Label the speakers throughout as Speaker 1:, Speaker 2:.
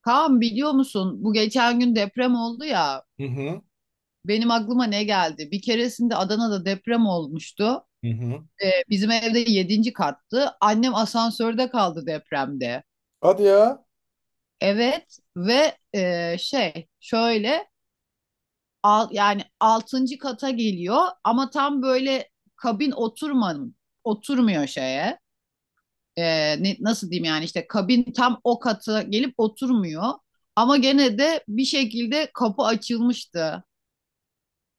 Speaker 1: Kaan, biliyor musun, bu geçen gün deprem oldu ya,
Speaker 2: Hı hı.
Speaker 1: benim aklıma ne geldi? Bir keresinde Adana'da deprem olmuştu.
Speaker 2: Hı hı.
Speaker 1: Bizim evde yedinci kattı. Annem asansörde kaldı depremde.
Speaker 2: Hadi ya.
Speaker 1: Evet ve şey şöyle al, yani 6. kata geliyor ama tam böyle kabin oturmanın oturmuyor şeye. Nasıl diyeyim yani işte kabin tam o kata gelip oturmuyor. Ama gene de bir şekilde kapı açılmıştı.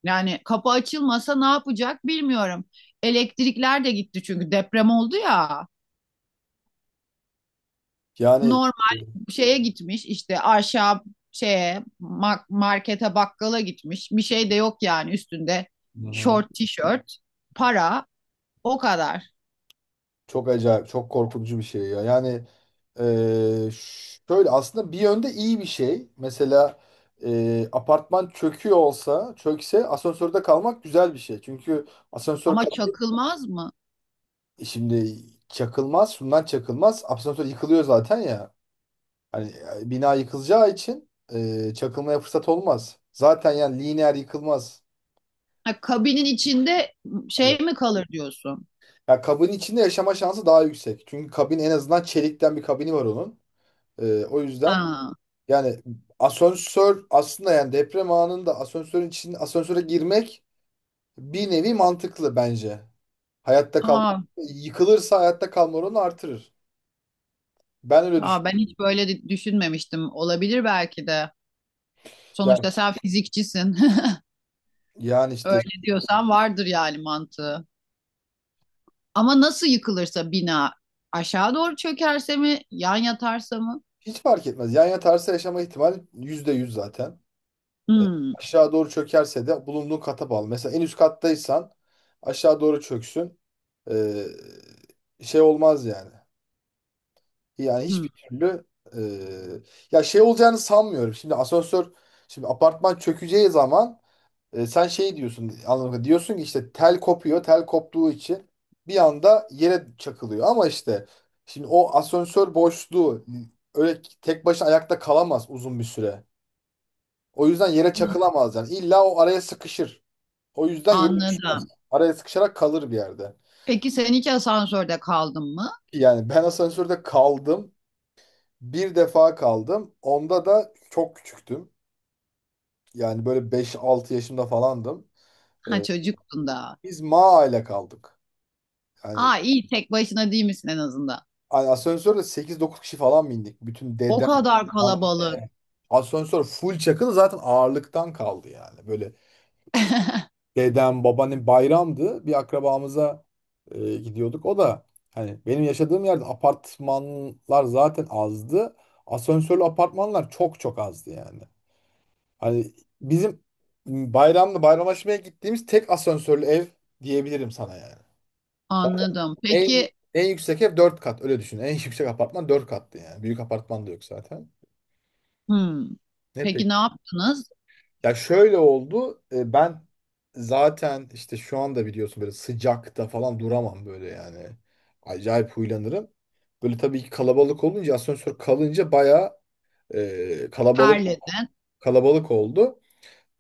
Speaker 1: Yani kapı açılmasa ne yapacak bilmiyorum. Elektrikler de gitti çünkü deprem oldu ya.
Speaker 2: Yani,
Speaker 1: Normal
Speaker 2: e,
Speaker 1: şeye gitmiş işte aşağı şeye markete bakkala gitmiş. Bir şey de yok yani üstünde.
Speaker 2: hı hı.
Speaker 1: Şort, tişört, para, o kadar.
Speaker 2: Çok acayip, çok korkutucu bir şey ya. Yani, şöyle aslında bir yönde iyi bir şey. Mesela, apartman çöküyor olsa, çökse asansörde kalmak güzel bir şey. Çünkü asansör
Speaker 1: Ama
Speaker 2: kal-
Speaker 1: çakılmaz mı?
Speaker 2: Şimdi çakılmaz, şundan çakılmaz. Asansör yıkılıyor zaten ya. Hani, bina yıkılacağı için, çakılmaya fırsat olmaz. Zaten yani lineer yıkılmaz.
Speaker 1: Ha, kabinin içinde şey mi kalır diyorsun?
Speaker 2: Ya kabin içinde yaşama şansı daha yüksek. Çünkü kabin en azından çelikten bir kabini var onun. O yüzden
Speaker 1: Ha.
Speaker 2: yani asansör aslında, yani deprem anında asansörün içinde asansöre girmek bir nevi mantıklı bence. Hayatta kal
Speaker 1: Aa,
Speaker 2: Yıkılırsa hayatta kalma oranı artırır. Ben öyle
Speaker 1: aa, ben
Speaker 2: düşünüyorum.
Speaker 1: hiç böyle düşünmemiştim. Olabilir belki de.
Speaker 2: Yani,
Speaker 1: Sonuçta sen fizikçisin.
Speaker 2: yani, işte
Speaker 1: Öyle diyorsan vardır yani mantığı. Ama nasıl yıkılırsa bina, aşağı doğru çökerse mi, yan yatarsa mı?
Speaker 2: hiç fark etmez. Yan yatarsa yaşama ihtimali %100 zaten. E,
Speaker 1: Hmm,
Speaker 2: Aşağı doğru çökerse de bulunduğun kata bağlı. Mesela en üst kattaysan aşağı doğru çöksün. E, Şey olmaz yani. Yani
Speaker 1: hmm,
Speaker 2: hiçbir türlü, e, ya şey olacağını sanmıyorum. Şimdi asansör, şimdi apartman çökeceği zaman, sen şey diyorsun anlamında diyorsun ki işte tel kopuyor. Tel koptuğu için bir anda yere çakılıyor, ama işte şimdi o asansör boşluğu öyle tek başına ayakta kalamaz uzun bir süre. O yüzden yere
Speaker 1: hmm.
Speaker 2: çakılamaz yani. İlla o araya sıkışır. O yüzden yeri
Speaker 1: Anladım.
Speaker 2: araya sıkışarak kalır bir yerde.
Speaker 1: Peki sen hiç asansörde kaldın mı?
Speaker 2: Yani ben asansörde kaldım. Bir defa kaldım. Onda da çok küçüktüm. Yani böyle beş altı yaşımda falandım.
Speaker 1: Ha,
Speaker 2: Ee,
Speaker 1: çocuktun da.
Speaker 2: Biz Maa ile kaldık. Yani,
Speaker 1: Aa, iyi tek başına değil misin en azından?
Speaker 2: hani asansörde sekiz dokuz kişi falan bindik. Bütün
Speaker 1: O
Speaker 2: dedem.
Speaker 1: kadar
Speaker 2: Yani
Speaker 1: kalabalık.
Speaker 2: asansör full çakılı zaten, ağırlıktan kaldı yani. Böyle dedem, babaannem, bayramdı. Bir akrabamıza gidiyorduk. O da, hani benim yaşadığım yerde apartmanlar zaten azdı. Asansörlü apartmanlar çok çok azdı yani. Hani bizim bayramda bayramlaşmaya gittiğimiz tek asansörlü ev diyebilirim sana yani.
Speaker 1: Anladım.
Speaker 2: En,
Speaker 1: Peki.
Speaker 2: en yüksek ev 4 kat, öyle düşün. En yüksek apartman dört kattı yani. Büyük apartman da yok zaten.
Speaker 1: Hmm.
Speaker 2: Ne
Speaker 1: Peki ne
Speaker 2: peki?
Speaker 1: yaptınız?
Speaker 2: Ya şöyle oldu. Ben zaten işte şu anda biliyorsun böyle sıcakta falan duramam böyle yani. Acayip huylanırım. Böyle tabii ki kalabalık olunca, asansör kalınca bayağı, e, kalabalık
Speaker 1: Terledin.
Speaker 2: kalabalık oldu.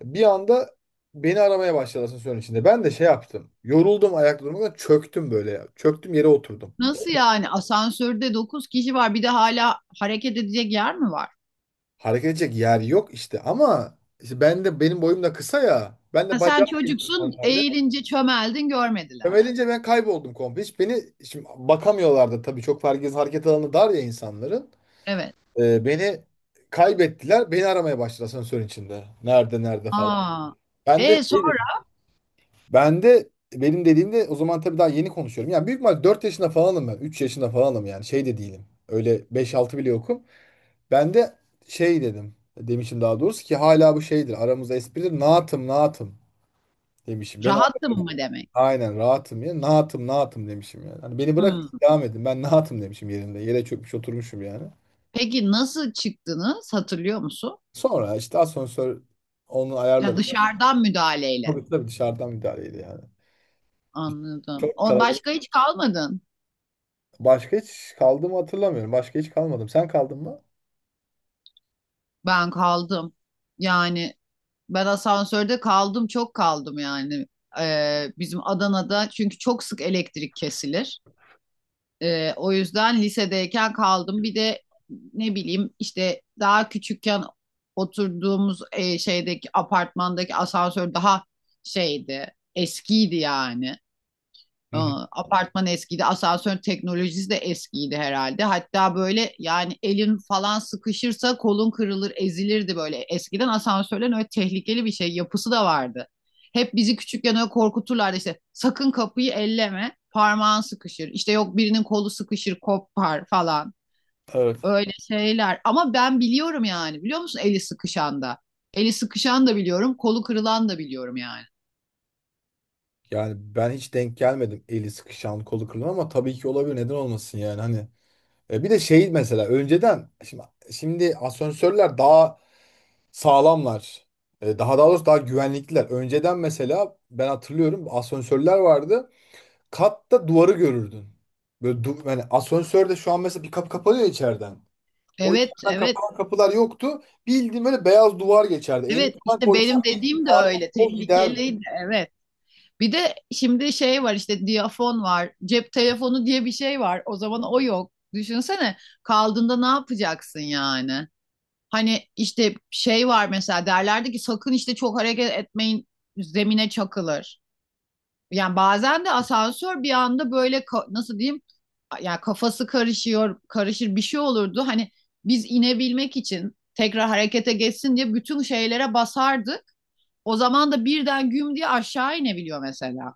Speaker 2: Bir anda beni aramaya başladı asansörün içinde. Ben de şey yaptım. Yoruldum ayakta durmaktan, çöktüm böyle. Çöktüm, yere oturdum.
Speaker 1: Nasıl yani? Asansörde 9 kişi var. Bir de hala hareket edecek yer mi var?
Speaker 2: Hareket edecek yer yok işte, ama işte ben de, benim boyum da kısa ya. Ben de
Speaker 1: Ha,
Speaker 2: bacağı
Speaker 1: sen
Speaker 2: geliyor
Speaker 1: çocuksun,
Speaker 2: normalde.
Speaker 1: eğilince çömeldin, görmediler.
Speaker 2: Sömedince ben kayboldum komple. Hiç beni şimdi bakamıyorlardı tabii, çok herkes, hareket alanı dar ya insanların.
Speaker 1: Evet.
Speaker 2: Beni kaybettiler. Beni aramaya başladılar asansörün içinde. Nerede, nerede falan.
Speaker 1: Aa,
Speaker 2: Ben de şey
Speaker 1: sonra
Speaker 2: dedim. Ben de, benim dediğimde o zaman tabii daha yeni konuşuyorum. Yani büyük ihtimal 4 yaşında falanım ben. 3 yaşında falanım, yani şey de değilim. Öyle 5-6 bile yokum. Ben de şey dedim. Demişim daha doğrusu, ki hala bu şeydir. Aramızda espridir. Naatım, naatım demişim. Beni...
Speaker 1: rahattım mı demek?
Speaker 2: Aynen, rahatım ya. Nahatım, nahatım demişim yani. Hani beni bırak,
Speaker 1: Hmm.
Speaker 2: devam edin. Ben nahatım demişim yerinde. Yere çökmüş oturmuşum yani.
Speaker 1: Peki nasıl çıktınız, hatırlıyor musun?
Speaker 2: Sonra işte asansör, onu
Speaker 1: Ya,
Speaker 2: ayarladı.
Speaker 1: dışarıdan müdahaleyle.
Speaker 2: Tabii tabii dışarıdan müdahaleydi yani. Biz.
Speaker 1: Anladım.
Speaker 2: Çok
Speaker 1: O
Speaker 2: kalabalık.
Speaker 1: başka hiç kalmadın.
Speaker 2: Başka hiç kaldığımı hatırlamıyorum. Başka hiç kalmadım. Sen kaldın mı?
Speaker 1: Ben kaldım. Yani ben asansörde kaldım, çok kaldım yani. Bizim Adana'da çünkü çok sık elektrik kesilir. O yüzden lisedeyken kaldım. Bir de ne bileyim işte daha küçükken oturduğumuz şeydeki apartmandaki asansör daha şeydi, eskiydi yani.
Speaker 2: Hı
Speaker 1: Ee,
Speaker 2: hı.
Speaker 1: Apartman eskiydi. Asansör teknolojisi de eskiydi herhalde. Hatta böyle yani elin falan sıkışırsa kolun kırılır, ezilirdi böyle. Eskiden asansörlerin öyle tehlikeli bir şey yapısı da vardı. Hep bizi küçükken öyle korkuturlardı işte, sakın kapıyı elleme, parmağın sıkışır. İşte yok birinin kolu sıkışır, kopar falan.
Speaker 2: Evet.
Speaker 1: Öyle şeyler. Ama ben biliyorum yani. Biliyor musun eli sıkışan da? Eli sıkışan da biliyorum, kolu kırılan da biliyorum yani.
Speaker 2: Yani ben hiç denk gelmedim. Eli sıkışan, kolu kırılan, ama tabii ki olabilir. Neden olmasın yani, hani. Bir de şey, mesela önceden, şimdi asansörler daha sağlamlar. Daha doğrusu, daha güvenlikliler. Önceden mesela ben hatırlıyorum, asansörler vardı. Katta duvarı görürdün. Böyle yani asansörde şu an mesela bir kapı kapanıyor içeriden. O
Speaker 1: Evet,
Speaker 2: içeriden
Speaker 1: evet.
Speaker 2: kapanan kapılar yoktu. Bildiğin böyle beyaz duvar geçerdi. Elini
Speaker 1: Evet,
Speaker 2: falan
Speaker 1: işte
Speaker 2: koysan,
Speaker 1: benim
Speaker 2: bildiğin
Speaker 1: dediğim de
Speaker 2: parmak
Speaker 1: öyle
Speaker 2: o giderdi.
Speaker 1: tehlikeliydi, evet. Bir de şimdi şey var işte, diyafon var, cep telefonu diye bir şey var, o zaman o yok. Düşünsene, kaldığında ne yapacaksın yani? Hani işte şey var, mesela derlerdi ki sakın işte çok hareket etmeyin, zemine çakılır. Yani bazen de asansör bir anda böyle nasıl diyeyim, ya, kafası karışıyor, karışır, bir şey olurdu. Hani biz inebilmek için tekrar harekete geçsin diye bütün şeylere basardık. O zaman da birden güm diye aşağı inebiliyor mesela.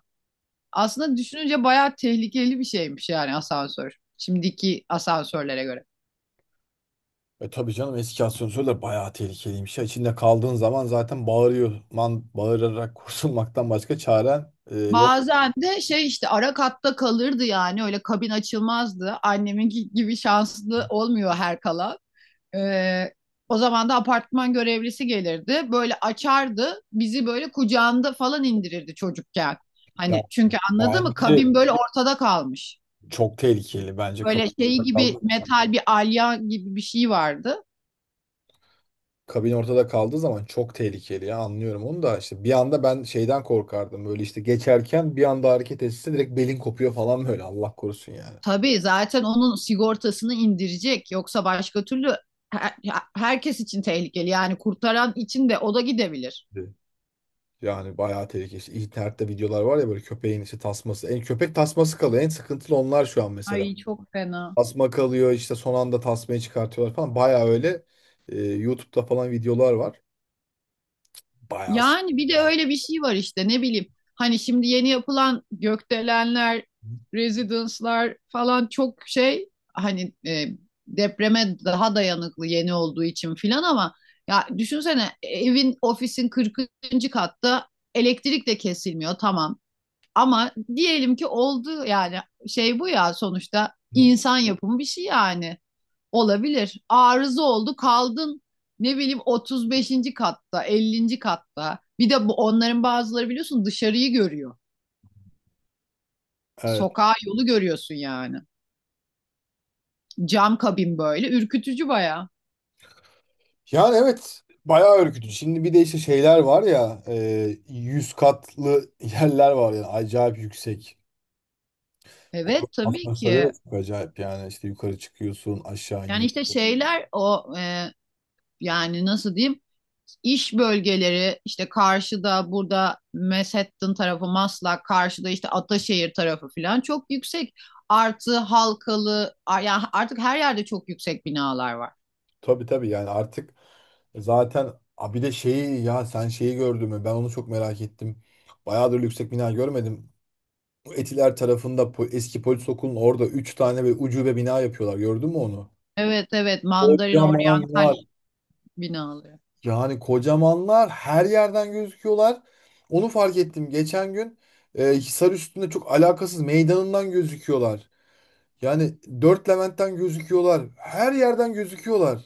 Speaker 1: Aslında düşününce bayağı tehlikeli bir şeymiş yani asansör. Şimdiki asansörlere göre.
Speaker 2: Tabii canım, eski asansörler bayağı tehlikeliymiş ya. İçinde kaldığın zaman zaten bağırıyor. Man, bağırarak kurtulmaktan başka çaren yok.
Speaker 1: Bazen de şey, işte ara katta kalırdı yani, öyle kabin açılmazdı. Anneminki gibi şanslı olmuyor her kalan. Ee, O zaman da apartman görevlisi gelirdi. Böyle açardı. Bizi böyle kucağında falan indirirdi çocukken.
Speaker 2: Ya,
Speaker 1: Hani, çünkü, anladın mı?
Speaker 2: bence
Speaker 1: Kabin böyle ortada kalmış.
Speaker 2: çok tehlikeli. Bence
Speaker 1: Böyle şeyi gibi metal bir alyan gibi bir şey vardı.
Speaker 2: kabin ortada kaldığı zaman çok tehlikeli ya. Anlıyorum onu da, işte bir anda, ben şeyden korkardım, böyle işte geçerken bir anda hareket etse direkt belin kopuyor falan böyle, Allah korusun yani.
Speaker 1: Tabii zaten onun sigortasını indirecek. Yoksa başka türlü her- herkes için tehlikeli. Yani kurtaran için de, o da gidebilir.
Speaker 2: Evet. Yani bayağı tehlikeli. İşte internette videolar var ya, böyle köpeğin işte tasması. En köpek tasması kalıyor. En sıkıntılı onlar şu an mesela.
Speaker 1: Ay, çok fena.
Speaker 2: Tasma kalıyor, işte son anda tasmayı çıkartıyorlar falan. Bayağı öyle, YouTube'da falan videolar var. Bayağı
Speaker 1: Yani
Speaker 2: sıkıntı
Speaker 1: bir de
Speaker 2: ya.
Speaker 1: öyle bir şey var işte, ne bileyim. Hani şimdi yeni yapılan gökdelenler, residence'lar falan çok şey, hani depreme daha dayanıklı yeni olduğu için filan, ama ya düşünsene, evin ofisin 40. katta, elektrik de kesilmiyor, tamam. Ama diyelim ki oldu yani, şey bu ya, sonuçta
Speaker 2: Hı.
Speaker 1: insan yapımı bir şey yani. Olabilir. Arıza oldu, kaldın ne bileyim 35. katta, 50. katta. Bir de bu onların bazıları, biliyorsun, dışarıyı görüyor.
Speaker 2: Evet.
Speaker 1: Sokağa, yolu görüyorsun yani. Cam kabin böyle ürkütücü bayağı.
Speaker 2: Yani evet, bayağı ürkütücü. Şimdi bir de işte şeyler var ya, 100 katlı yerler var yani, acayip yüksek. O
Speaker 1: Evet, tabii
Speaker 2: asansörler de
Speaker 1: ki.
Speaker 2: çok acayip yani, işte yukarı çıkıyorsun, aşağı
Speaker 1: Yani işte
Speaker 2: iniyorsun.
Speaker 1: şeyler o yani nasıl diyeyim? İş bölgeleri işte, karşıda burada Manhattan tarafı, Maslak karşıda işte Ataşehir tarafı falan çok yüksek. Artı Halkalı, yani artık her yerde çok yüksek binalar var.
Speaker 2: Tabii tabii yani artık, zaten bir de şeyi, ya sen şeyi gördün mü, ben onu çok merak ettim. Bayağıdır yüksek bina görmedim. Bu Etiler tarafında eski polis okulunun orada 3 tane ve ucube bina yapıyorlar, gördün mü onu?
Speaker 1: Evet, evet, Mandarin
Speaker 2: Kocaman
Speaker 1: Oryantal
Speaker 2: var.
Speaker 1: binaları.
Speaker 2: Yani kocamanlar, her yerden gözüküyorlar. Onu fark ettim. Geçen gün, Hisar üstünde çok alakasız meydanından gözüküyorlar. Yani Dört Levent'ten gözüküyorlar. Her yerden gözüküyorlar.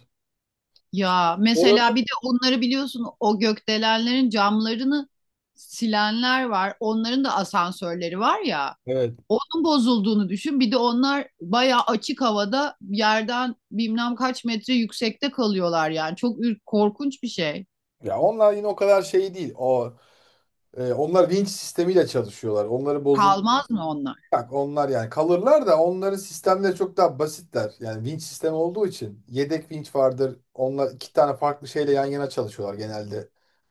Speaker 1: Ya
Speaker 2: Orada.
Speaker 1: mesela bir de onları biliyorsun, o gökdelenlerin camlarını silenler var. Onların da asansörleri var ya.
Speaker 2: Evet.
Speaker 1: Onun bozulduğunu düşün. Bir de onlar bayağı açık havada, yerden bilmem kaç metre yüksekte kalıyorlar yani. Çok korkunç bir şey.
Speaker 2: Ya onlar yine o kadar şey değil. Onlar vinç sistemiyle çalışıyorlar. Onları bozul
Speaker 1: Kalmaz mı onlar?
Speaker 2: Bak onlar, yani kalırlar da, onların sistemleri çok daha basitler. Yani vinç sistemi olduğu için yedek vinç vardır. Onlar iki tane farklı şeyle yan yana çalışıyorlar genelde.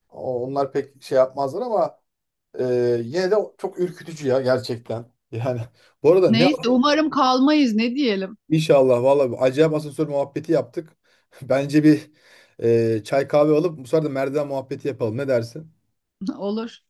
Speaker 2: Onlar pek şey yapmazlar, ama yine de çok ürkütücü ya gerçekten. Yani bu arada
Speaker 1: Neyse, umarım kalmayız, ne diyelim.
Speaker 2: inşallah vallahi, bir acayip asansör muhabbeti yaptık. Bence bir, çay kahve alıp bu sefer de merdiven muhabbeti yapalım. Ne dersin?
Speaker 1: Olur.